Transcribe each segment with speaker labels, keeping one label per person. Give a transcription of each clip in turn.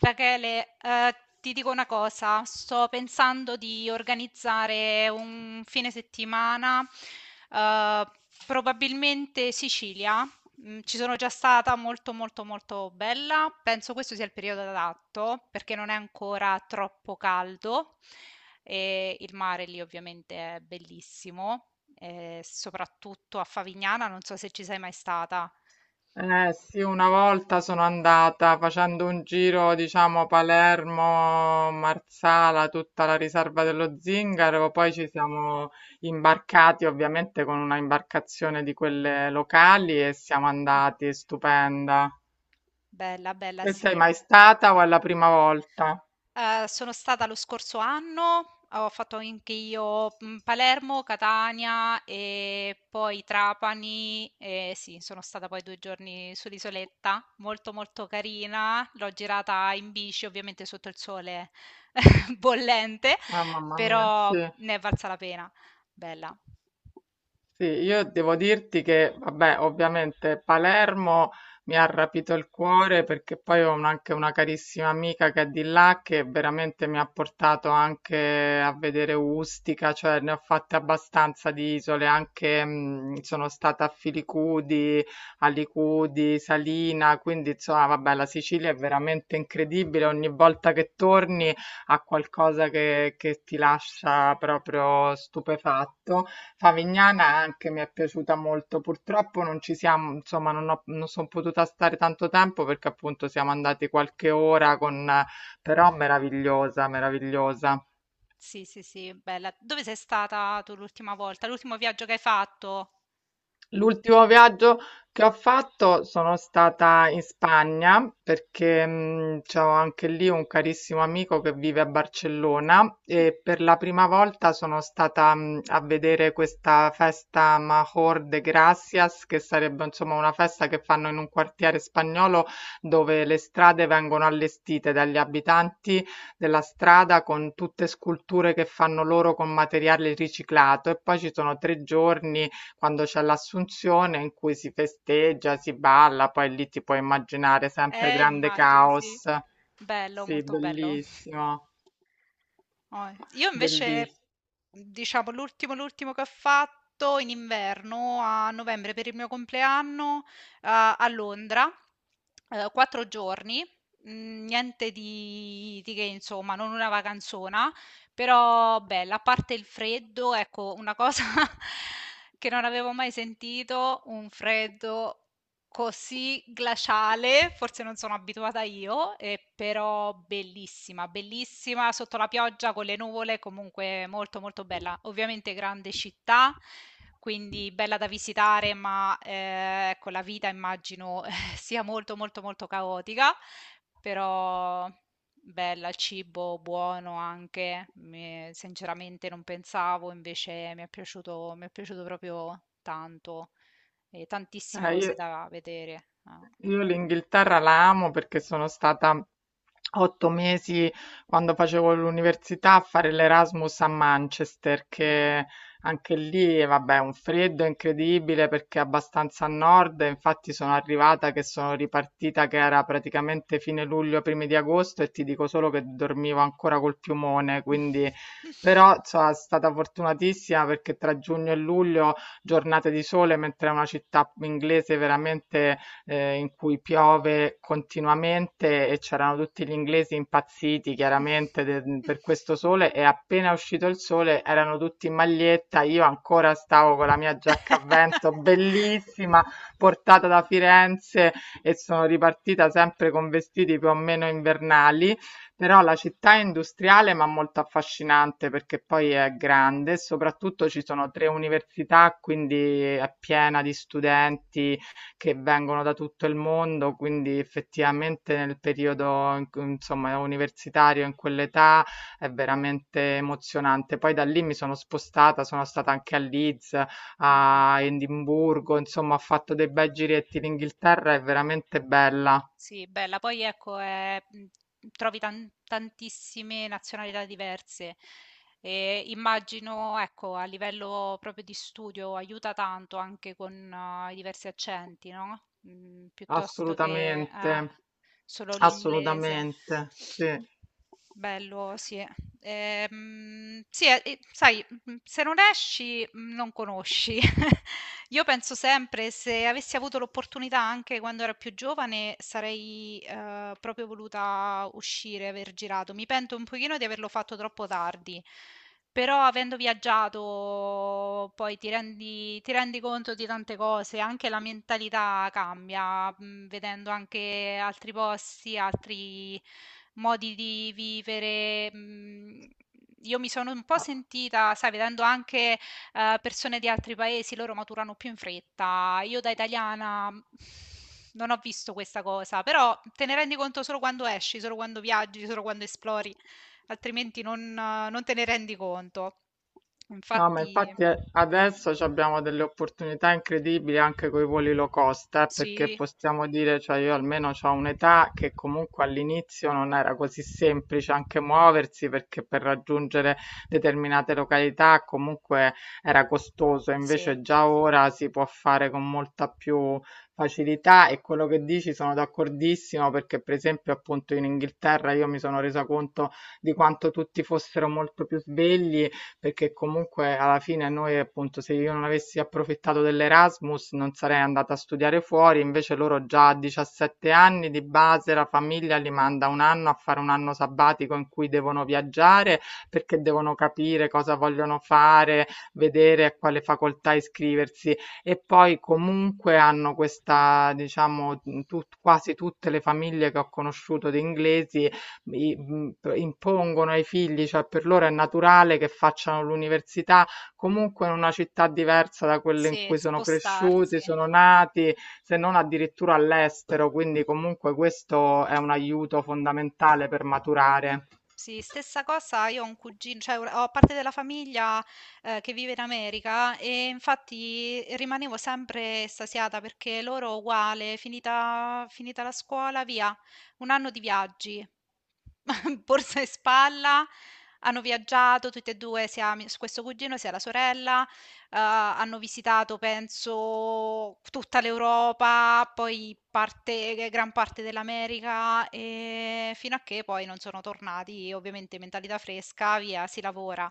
Speaker 1: Rachele, ti dico una cosa, sto pensando di organizzare un fine settimana, eh, probabilmente Sicilia. Ci sono già stata, molto molto molto bella. Penso questo sia il periodo adatto perché non è ancora troppo caldo e il mare lì ovviamente è bellissimo, soprattutto a Favignana, non so se ci sei mai stata.
Speaker 2: Eh sì, una volta sono andata facendo un giro, diciamo Palermo, Marsala, tutta la riserva dello Zingaro, poi ci siamo imbarcati ovviamente con una imbarcazione di quelle locali e siamo
Speaker 1: Mm.
Speaker 2: andati, è stupenda.
Speaker 1: Bella, bella,
Speaker 2: E sei
Speaker 1: sì.
Speaker 2: mai stata o è la prima volta?
Speaker 1: Sono stata lo scorso anno, ho fatto anche io, Palermo, Catania e poi Trapani. E sì, sono stata poi 2 giorni sull'isoletta, molto, molto carina. L'ho girata in bici, ovviamente sotto il sole bollente,
Speaker 2: Ah, mamma mia,
Speaker 1: però
Speaker 2: sì.
Speaker 1: ne è valsa la pena. Bella.
Speaker 2: Sì, io devo dirti che, vabbè, ovviamente Palermo mi ha rapito il cuore perché poi anche una carissima amica che è di là che veramente mi ha portato anche a vedere Ustica, cioè ne ho fatte abbastanza di isole, anche sono stata a Filicudi, a Licudi, Salina, quindi insomma, vabbè, la Sicilia è veramente incredibile, ogni volta che torni ha qualcosa che ti lascia proprio stupefatto. Favignana anche mi è piaciuta molto. Purtroppo non ci siamo, insomma, non sono potuta stare tanto tempo perché appunto siamo andati qualche ora con, però meravigliosa, meravigliosa.
Speaker 1: Sì, sì, sì, bella. Dove sei stata tu l'ultima volta? L'ultimo viaggio che hai fatto?
Speaker 2: L'ultimo viaggio che ho fatto sono stata in Spagna perché c'ho anche lì un carissimo amico che vive a Barcellona
Speaker 1: Mh.
Speaker 2: e per la prima volta sono stata a vedere questa festa Major de Gracias, che sarebbe insomma una festa che fanno in un quartiere spagnolo dove le strade vengono allestite dagli abitanti della strada con tutte sculture che fanno loro con materiale riciclato e poi ci sono tre giorni quando c'è l'Assunzione in cui si festeggia, si balla, poi lì ti puoi immaginare sempre grande
Speaker 1: Immagino, sì.
Speaker 2: caos.
Speaker 1: Bello,
Speaker 2: Sì,
Speaker 1: molto bello.
Speaker 2: bellissimo,
Speaker 1: Oh, io invece,
Speaker 2: bellissimo.
Speaker 1: diciamo, l'ultimo che ho fatto in inverno, a novembre, per il mio compleanno, a Londra, quattro giorni, niente di che, insomma, non una vacanzona, però bella, a parte il freddo, ecco, una cosa che non avevo mai sentito, un freddo così glaciale. Forse non sono abituata io, però bellissima, bellissima sotto la pioggia con le nuvole, comunque molto molto bella. Ovviamente grande città, quindi bella da visitare, ma ecco, la vita immagino sia molto molto molto caotica, però bella, il cibo buono anche, sinceramente non pensavo, invece mi è piaciuto proprio tanto. E tantissime
Speaker 2: Eh,
Speaker 1: cose
Speaker 2: io-
Speaker 1: da vedere. Ah.
Speaker 2: Io l'Inghilterra la amo perché sono stata otto mesi quando facevo l'università a fare l'Erasmus a Manchester,
Speaker 1: Mm.
Speaker 2: che anche lì, vabbè, un freddo incredibile perché è abbastanza a nord, e infatti sono arrivata che sono ripartita che era praticamente fine luglio, primi di agosto e ti dico solo che dormivo ancora col piumone, quindi. Però sono stata fortunatissima perché tra giugno e luglio giornate di sole, mentre è una città inglese veramente in cui piove continuamente e c'erano tutti gli inglesi impazziti chiaramente per questo sole e appena è uscito il sole erano tutti in maglietta, io ancora stavo con la mia giacca a vento bellissima portata da Firenze e sono ripartita sempre con vestiti più o meno invernali. Però la città è industriale ma molto affascinante perché poi è grande, soprattutto ci sono tre università, quindi è piena di studenti che vengono da tutto il mondo, quindi effettivamente nel periodo in cui insomma universitario, in quell'età, è veramente emozionante. Poi da lì mi sono spostata, sono stata anche a Leeds,
Speaker 1: Mh-mh.
Speaker 2: a Edimburgo, insomma ho fatto dei bei giretti. L'Inghilterra è veramente bella,
Speaker 1: Sì, bella. Poi ecco, trovi tantissime nazionalità diverse e immagino, ecco, a livello proprio di studio aiuta tanto anche con i diversi accenti, no, piuttosto che
Speaker 2: assolutamente,
Speaker 1: solo l'inglese.
Speaker 2: assolutamente, sì.
Speaker 1: Bello, sì. Sì, e sai, se non esci, non conosci. Io penso sempre, se avessi avuto l'opportunità anche quando ero più giovane, sarei, proprio voluta uscire, aver girato. Mi pento un pochino di averlo fatto troppo tardi. Però, avendo viaggiato, poi ti rendi conto di tante cose, anche la mentalità cambia, vedendo anche altri posti, altri modi di vivere. Io mi sono un po' sentita, sai, vedendo anche persone di altri paesi, loro maturano più in fretta. Io da italiana, non ho visto questa cosa, però te ne rendi conto solo quando esci, solo quando viaggi, solo quando esplori, altrimenti non te ne rendi conto.
Speaker 2: No, ma
Speaker 1: Infatti.
Speaker 2: infatti adesso ci
Speaker 1: Mm,
Speaker 2: abbiamo delle opportunità incredibili anche con i voli low cost, perché
Speaker 1: sì,
Speaker 2: possiamo dire, cioè io almeno ho un'età che comunque all'inizio non era così semplice anche muoversi, perché per raggiungere determinate località comunque era costoso,
Speaker 1: sì,
Speaker 2: invece già ora si può fare con molta più facilità e quello che dici sono d'accordissimo, perché per esempio appunto in Inghilterra io mi sono resa conto di quanto tutti fossero molto più svegli perché comunque alla fine noi, appunto, se io non avessi approfittato dell'Erasmus non sarei andata a studiare fuori, invece loro già a 17 anni di base la famiglia li manda un anno a fare un anno sabbatico in cui devono viaggiare perché devono capire cosa vogliono fare, vedere a quale facoltà iscriversi e poi comunque hanno questa, diciamo, quasi tutte le famiglie che ho conosciuto di inglesi impongono ai figli, cioè per loro è naturale che facciano l'università comunque in una città diversa da quelle in
Speaker 1: sì,
Speaker 2: cui sono
Speaker 1: spostarsi.
Speaker 2: cresciuti, sono nati, se non addirittura all'estero, quindi comunque questo è un aiuto fondamentale per maturare.
Speaker 1: Sì, stessa cosa, io ho un cugino, cioè ho parte della famiglia, che vive in America, e infatti rimanevo sempre estasiata perché loro uguale, finita la scuola, via, un anno di viaggi, borsa e spalla. Hanno viaggiato tutti e due, sia questo cugino sia la sorella, hanno visitato penso tutta l'Europa, poi parte g gran parte dell'America, fino a che poi non sono tornati. Ovviamente mentalità fresca, via, si lavora.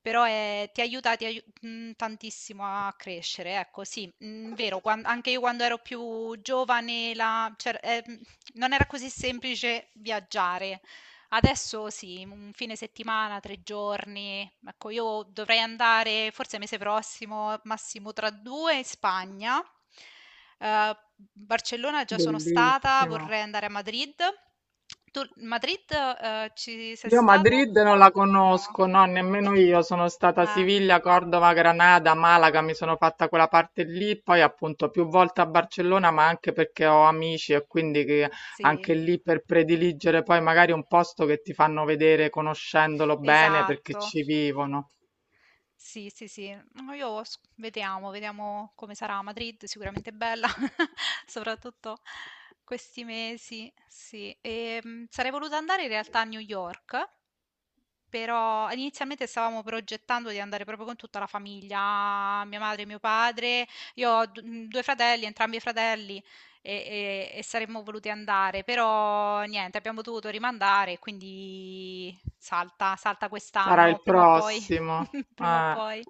Speaker 1: Però, ti aiuta tantissimo a crescere, ecco sì. Mhmm, vero, quan anche io, quando ero più giovane, la c'er non era così semplice viaggiare. Adesso sì, un fine settimana, tre giorni. Ecco, io dovrei andare forse mese prossimo, massimo tra due, in Spagna. Eh, Barcellona già sono stata,
Speaker 2: Bellissimo.
Speaker 1: vorrei andare a Madrid. Tu, Madrid, ci sei
Speaker 2: Io
Speaker 1: stata?
Speaker 2: Madrid non la
Speaker 1: No.
Speaker 2: conosco, no, nemmeno io. Sono stata a
Speaker 1: Eh,
Speaker 2: Siviglia, Cordova, Granada, Malaga, mi sono fatta quella parte lì, poi appunto più volte a Barcellona, ma anche perché ho amici e quindi che
Speaker 1: sì,
Speaker 2: anche lì per prediligere poi magari un posto che ti fanno vedere conoscendolo bene perché
Speaker 1: esatto.
Speaker 2: ci vivono.
Speaker 1: Sì, sì, sì. No, io vediamo, vediamo come sarà a Madrid, sicuramente bella, soprattutto questi mesi, sì. E, sarei voluta andare in realtà a New York, però inizialmente stavamo progettando di andare proprio con tutta la famiglia, mia madre e mio padre. Io ho due fratelli, entrambi i fratelli, e, e saremmo voluti andare, però niente, abbiamo dovuto rimandare, quindi salta, salta
Speaker 2: Sarà
Speaker 1: quest'anno,
Speaker 2: il
Speaker 1: prima o poi,
Speaker 2: prossimo.
Speaker 1: prima o
Speaker 2: Eh.
Speaker 1: poi.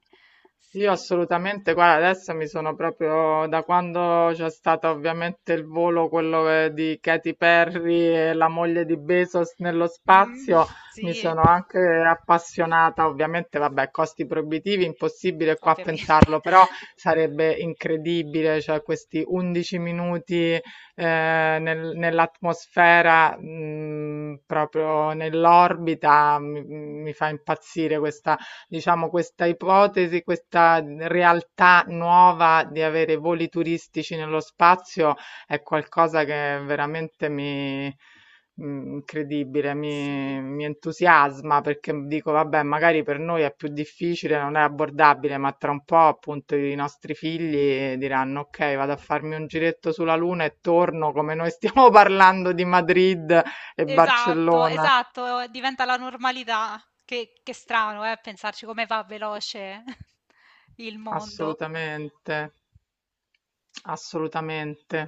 Speaker 2: Io
Speaker 1: Sì.
Speaker 2: assolutamente, guarda, adesso mi sono proprio da quando c'è stato ovviamente il volo, quello di Katy Perry e la moglie di Bezos nello
Speaker 1: Mm,
Speaker 2: spazio, mi
Speaker 1: sì,
Speaker 2: sono anche appassionata, ovviamente, vabbè, costi proibitivi, impossibile qua
Speaker 1: ovviamente.
Speaker 2: pensarlo, però sarebbe incredibile, cioè questi 11 minuti nell'atmosfera, proprio nell'orbita, mi fa impazzire questa diciamo, questa ipotesi, questa realtà nuova di avere voli turistici nello spazio è qualcosa che veramente incredibile,
Speaker 1: Sì.
Speaker 2: mi entusiasma perché dico, vabbè, magari per noi è più difficile, non è abbordabile, ma tra un po' appunto i nostri figli diranno, ok, vado a farmi un giretto sulla Luna e torno come noi stiamo parlando di Madrid e
Speaker 1: Esatto,
Speaker 2: Barcellona.
Speaker 1: esatto, diventa la normalità. Che strano, pensarci come va veloce il mondo.
Speaker 2: Assolutamente, assolutamente.